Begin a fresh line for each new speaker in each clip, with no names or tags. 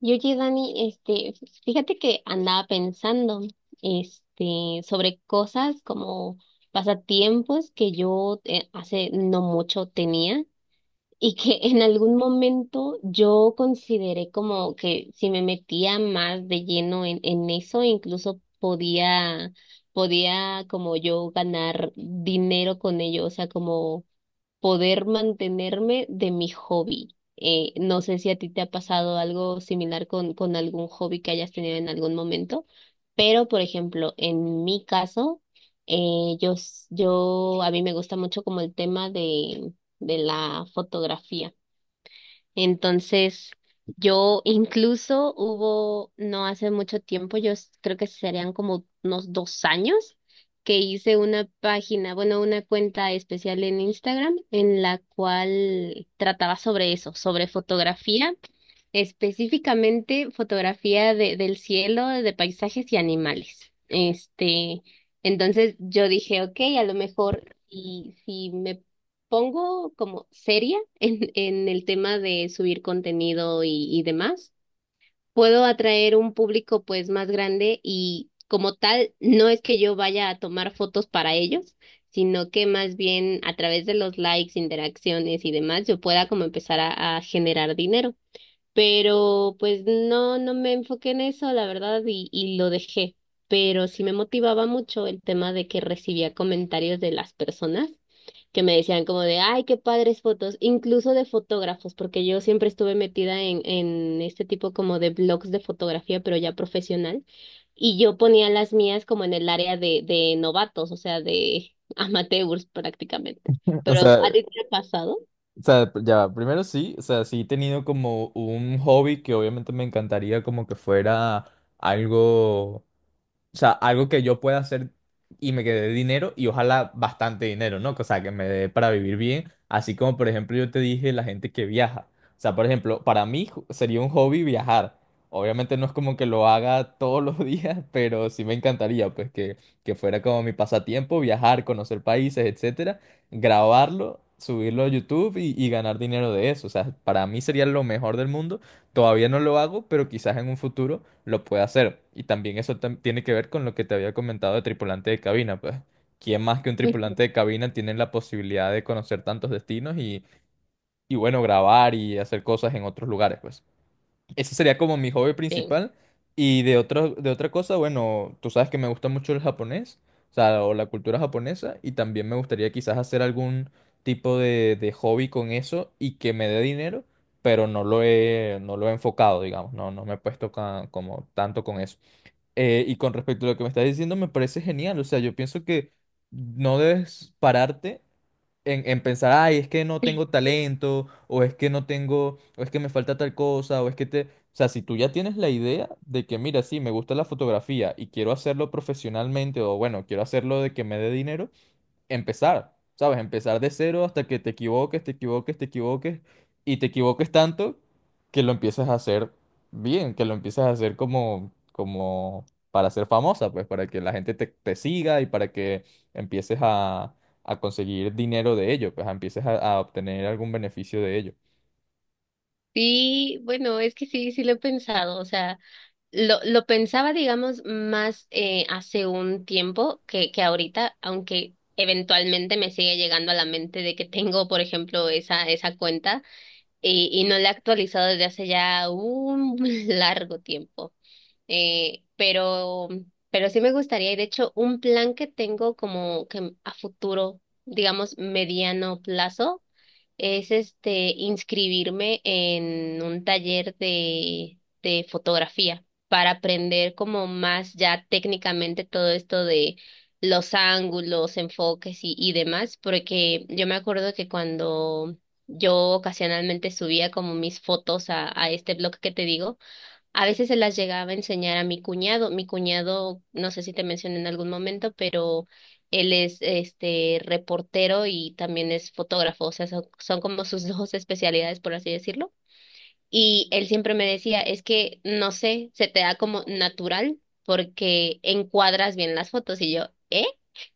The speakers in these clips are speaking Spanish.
Y oye, Dani, fíjate que andaba pensando, sobre cosas como pasatiempos que yo hace no mucho tenía y que en algún momento yo consideré como que si me metía más de lleno en eso, incluso podía como yo ganar dinero con ello, o sea, como poder mantenerme de mi hobby. No sé si a ti te ha pasado algo similar con algún hobby que hayas tenido en algún momento, pero por ejemplo, en mi caso, yo, a mí me gusta mucho como el tema de la fotografía. Entonces, yo incluso hubo, no hace mucho tiempo, creo que serían como unos dos años, que hice una página, bueno, una cuenta especial en Instagram en la cual trataba sobre eso, sobre fotografía. Específicamente fotografía del cielo, de paisajes y animales. Entonces yo dije, ok, a lo mejor si me pongo como seria en el tema de subir contenido y demás, puedo atraer un público pues más grande y como tal, no es que yo vaya a tomar fotos para ellos, sino que más bien a través de los likes, interacciones y demás, yo pueda como empezar a generar dinero. Pero pues no me enfoqué en eso, la verdad, y lo dejé. Pero sí me motivaba mucho el tema de que recibía comentarios de las personas que me decían como de, ay, qué padres fotos, incluso de fotógrafos, porque yo siempre estuve metida en este tipo como de blogs de fotografía, pero ya profesional, y yo ponía las mías como en el área de novatos, o sea, de amateurs prácticamente.
O
Pero
sea,
¿a ti te ha pasado?
o sea, ya, va, primero sí, o sea, sí he tenido como un hobby que obviamente me encantaría como que fuera algo, o sea, algo que yo pueda hacer y me quede dinero y ojalá bastante dinero, ¿no? O sea, que me dé para vivir bien. Así como, por ejemplo, yo te dije la gente que viaja. O sea, por ejemplo, para mí sería un hobby viajar. Obviamente no es como que lo haga todos los días, pero sí me encantaría, pues, que fuera como mi pasatiempo, viajar, conocer países, etcétera, grabarlo, subirlo a YouTube y ganar dinero de eso. O sea, para mí sería lo mejor del mundo. Todavía no lo hago, pero quizás en un futuro lo puede hacer. Y también eso tiene que ver con lo que te había comentado de tripulante de cabina, pues. ¿Quién más que un
Ujú.
tripulante de cabina tiene la posibilidad de conocer tantos destinos y bueno, grabar y hacer cosas en otros lugares, pues? Ese sería como mi hobby
Sí.
principal. Y de otro, de otra cosa, bueno, tú sabes que me gusta mucho el japonés, o sea, o la cultura japonesa, y también me gustaría quizás hacer algún tipo de hobby con eso y que me dé dinero, pero no lo he enfocado, digamos, no me he puesto como tanto con eso. Y con respecto a lo que me estás diciendo, me parece genial. O sea, yo pienso que no debes pararte en pensar, ay, es que no tengo talento, o es que no tengo, o es que me falta tal cosa, o es que te... O sea, si tú ya tienes la idea de que, mira, sí, me gusta la fotografía y quiero hacerlo profesionalmente, o bueno, quiero hacerlo de que me dé dinero, empezar, ¿sabes? Empezar de cero hasta que te equivoques, te equivoques, te equivoques y te equivoques tanto que lo empiezas a hacer bien, que lo empiezas a hacer como, como para ser famosa, pues para que la gente te siga y para que empieces a conseguir dinero de ello, pues empieces a obtener algún beneficio de ello.
Sí, bueno, es que sí, sí lo he pensado, o sea, lo pensaba, digamos, más hace un tiempo que ahorita, aunque eventualmente me sigue llegando a la mente de que tengo, por ejemplo, esa cuenta y no la he actualizado desde hace ya un largo tiempo. Eh, pero, pero sí me gustaría, y de hecho, un plan que tengo como que a futuro, digamos, mediano plazo, es este inscribirme en un taller de fotografía para aprender como más ya técnicamente todo esto de los ángulos, enfoques y demás, porque yo me acuerdo que cuando yo ocasionalmente subía como mis fotos a este blog que te digo, a veces se las llegaba a enseñar a mi cuñado. Mi cuñado, no sé si te mencioné en algún momento, pero él es este reportero y también es fotógrafo, o sea, son como sus dos especialidades, por así decirlo. Y él siempre me decía, es que no sé, se te da como natural porque encuadras bien las fotos. Y yo, ¿eh?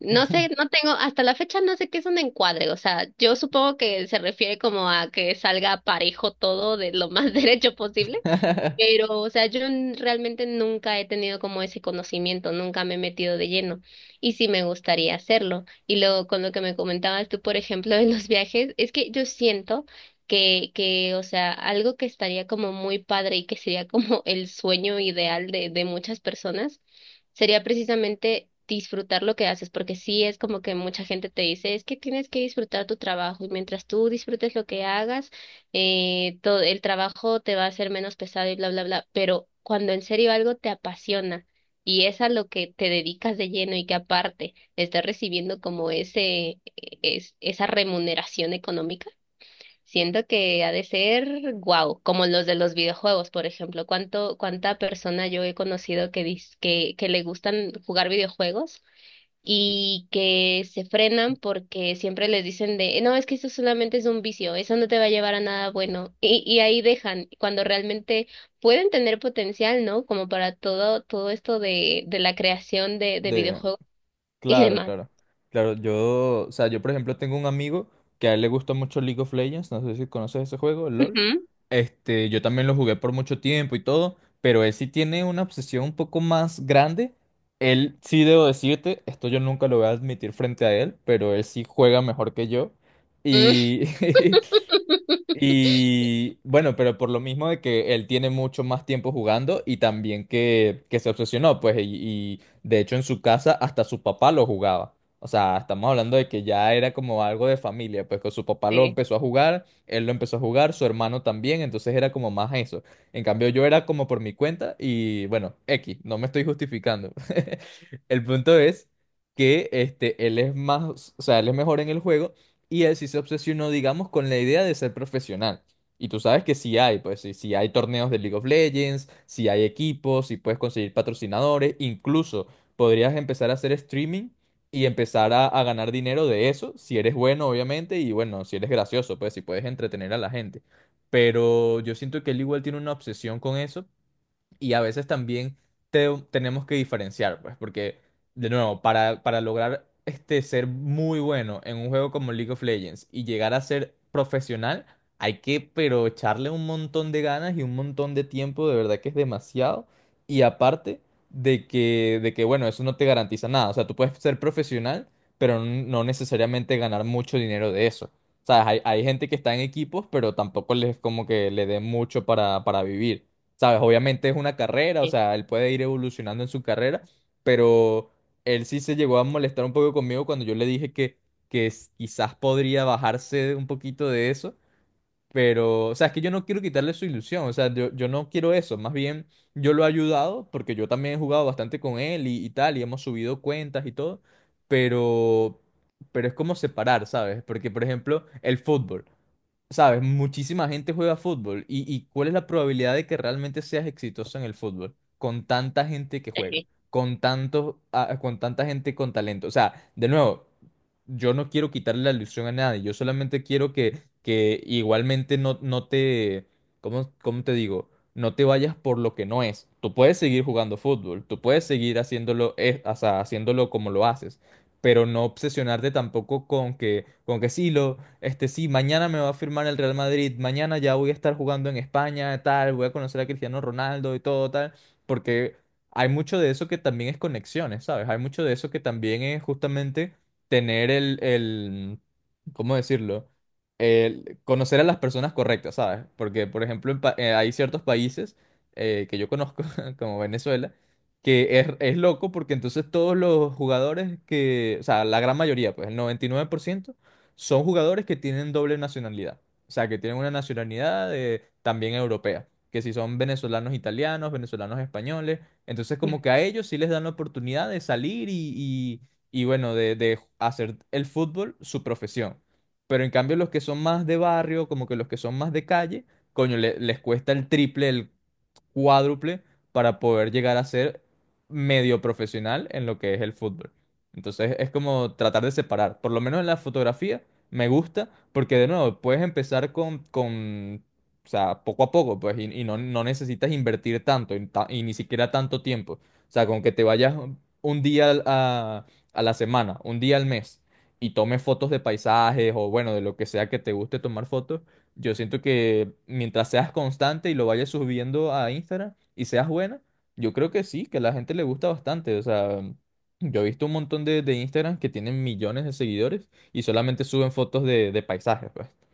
No sé, no tengo, hasta la fecha no sé qué es un encuadre, o sea, yo supongo que se refiere como a que salga parejo todo de lo más derecho posible, pero, o sea, realmente nunca he tenido como ese conocimiento, nunca me he metido de lleno y sí me gustaría hacerlo. Y luego con lo que me comentabas tú, por ejemplo, de los viajes, es que yo siento o sea, algo que estaría como muy padre y que sería como el sueño ideal de muchas personas, sería precisamente disfrutar lo que haces, porque sí es como que mucha gente te dice, es que tienes que disfrutar tu trabajo y mientras tú disfrutes lo que hagas, todo el trabajo te va a hacer menos pesado y bla, bla, bla, pero cuando en serio algo te apasiona y es a lo que te dedicas de lleno y que aparte estás recibiendo como esa remuneración económica, siento que ha de ser guau, como los de los videojuegos, por ejemplo, cuánta persona yo he conocido que le gustan jugar videojuegos y que se frenan porque siempre les dicen de, no, es que eso solamente es un vicio, eso no te va a llevar a nada bueno. Y ahí dejan, cuando realmente pueden tener potencial, ¿no? Como para todo, todo esto de la creación de
De-
videojuegos y
Claro,
demás.
claro. Claro, yo, o sea, yo por ejemplo tengo un amigo que a él le gusta mucho League of Legends, no sé si conoces ese juego, el LOL.
Ujú.
Este, yo también lo jugué por mucho tiempo y todo, pero él sí tiene una obsesión un poco más grande. Él sí debo decirte, esto yo nunca lo voy a admitir frente a él, pero él sí juega mejor que yo.
Mm.
Y, Y bueno, pero por lo mismo de que él tiene mucho más tiempo jugando y también que se obsesionó, pues, y de hecho en su casa hasta su papá lo jugaba. O sea, estamos hablando de que ya era como algo de familia, pues que su papá lo
Sí.
empezó a jugar, él lo empezó a jugar, su hermano también, entonces era como más eso. En cambio yo era como por mi cuenta y bueno, X, no me estoy justificando. El punto es que este, él es más, o sea, él es mejor en el juego y él sí se obsesionó, digamos, con la idea de ser profesional. Y tú sabes que sí hay, pues sí, sí hay torneos de League of Legends, sí hay equipos, sí puedes conseguir patrocinadores, incluso podrías empezar a hacer streaming y empezar a ganar dinero de eso, si eres bueno, obviamente, y bueno, si eres gracioso, pues si puedes entretener a la gente. Pero yo siento que él igual tiene una obsesión con eso y a veces también tenemos que diferenciar, pues, porque, de nuevo, para lograr este, ser muy bueno en un juego como League of Legends y llegar a ser profesional, hay que, pero echarle un montón de ganas y un montón de tiempo, de verdad que es demasiado. Y aparte de que, bueno, eso no te garantiza nada. O sea, tú puedes ser profesional, pero no necesariamente ganar mucho dinero de eso. O sea, hay gente que está en equipos, pero tampoco les como que le dé mucho para vivir. ¿Sabes? Obviamente es una carrera, o
Sí,
sea, él puede ir evolucionando en su carrera, pero él sí se llegó a molestar un poco conmigo cuando yo le dije que quizás podría bajarse un poquito de eso, pero, o sea, es que yo no quiero quitarle su ilusión, o sea, yo no quiero eso, más bien yo lo he ayudado porque yo también he jugado bastante con él y tal, y hemos subido cuentas y todo, pero, pero es como separar, ¿sabes? Porque, por ejemplo, el fútbol sabes, muchísima gente juega fútbol. Y cuál es la probabilidad de que realmente seas exitoso en el fútbol? Con tanta gente que juega, con tanta gente con talento. O sea, de nuevo, yo no quiero quitarle la ilusión a nadie. Yo solamente quiero que igualmente no, no te, ¿cómo te digo? No te vayas por lo que no es. Tú puedes seguir jugando fútbol, tú puedes seguir haciéndolo, o sea, haciéndolo como lo haces, pero no obsesionarte tampoco con que sí lo este, sí, mañana me va a firmar el Real Madrid, mañana ya voy a estar jugando en España, tal, voy a conocer a Cristiano Ronaldo y todo, tal, porque hay mucho de eso que también es conexiones, ¿sabes? Hay mucho de eso que también es justamente tener el, ¿cómo decirlo? El conocer a las personas correctas, ¿sabes? Porque, por ejemplo, hay ciertos países que yo conozco, como Venezuela, que es loco porque entonces todos los jugadores que, o sea, la gran mayoría, pues el 99%, son jugadores que tienen doble nacionalidad. O sea, que tienen una nacionalidad también europea. Que si son venezolanos italianos, venezolanos españoles. Entonces, como
sí.
que a ellos sí les dan la oportunidad de salir y bueno, de hacer el fútbol su profesión. Pero en cambio, los que son más de barrio, como que los que son más de calle, coño, les cuesta el triple, cuádruple para poder llegar a ser medio profesional en lo que es el fútbol. Entonces es como tratar de separar. Por lo menos en la fotografía me gusta porque de nuevo puedes empezar con o sea, poco a poco, pues, y no, no necesitas invertir tanto y, y ni siquiera tanto tiempo. O sea, con que te vayas un día a la semana, un día al mes y tomes fotos de paisajes o bueno, de lo que sea que te guste tomar fotos, yo siento que mientras seas constante y lo vayas subiendo a Instagram y seas buena, yo creo que sí, que a la gente le gusta bastante. O sea, yo he visto un montón de Instagram que tienen millones de seguidores y solamente suben fotos de paisajes, pues.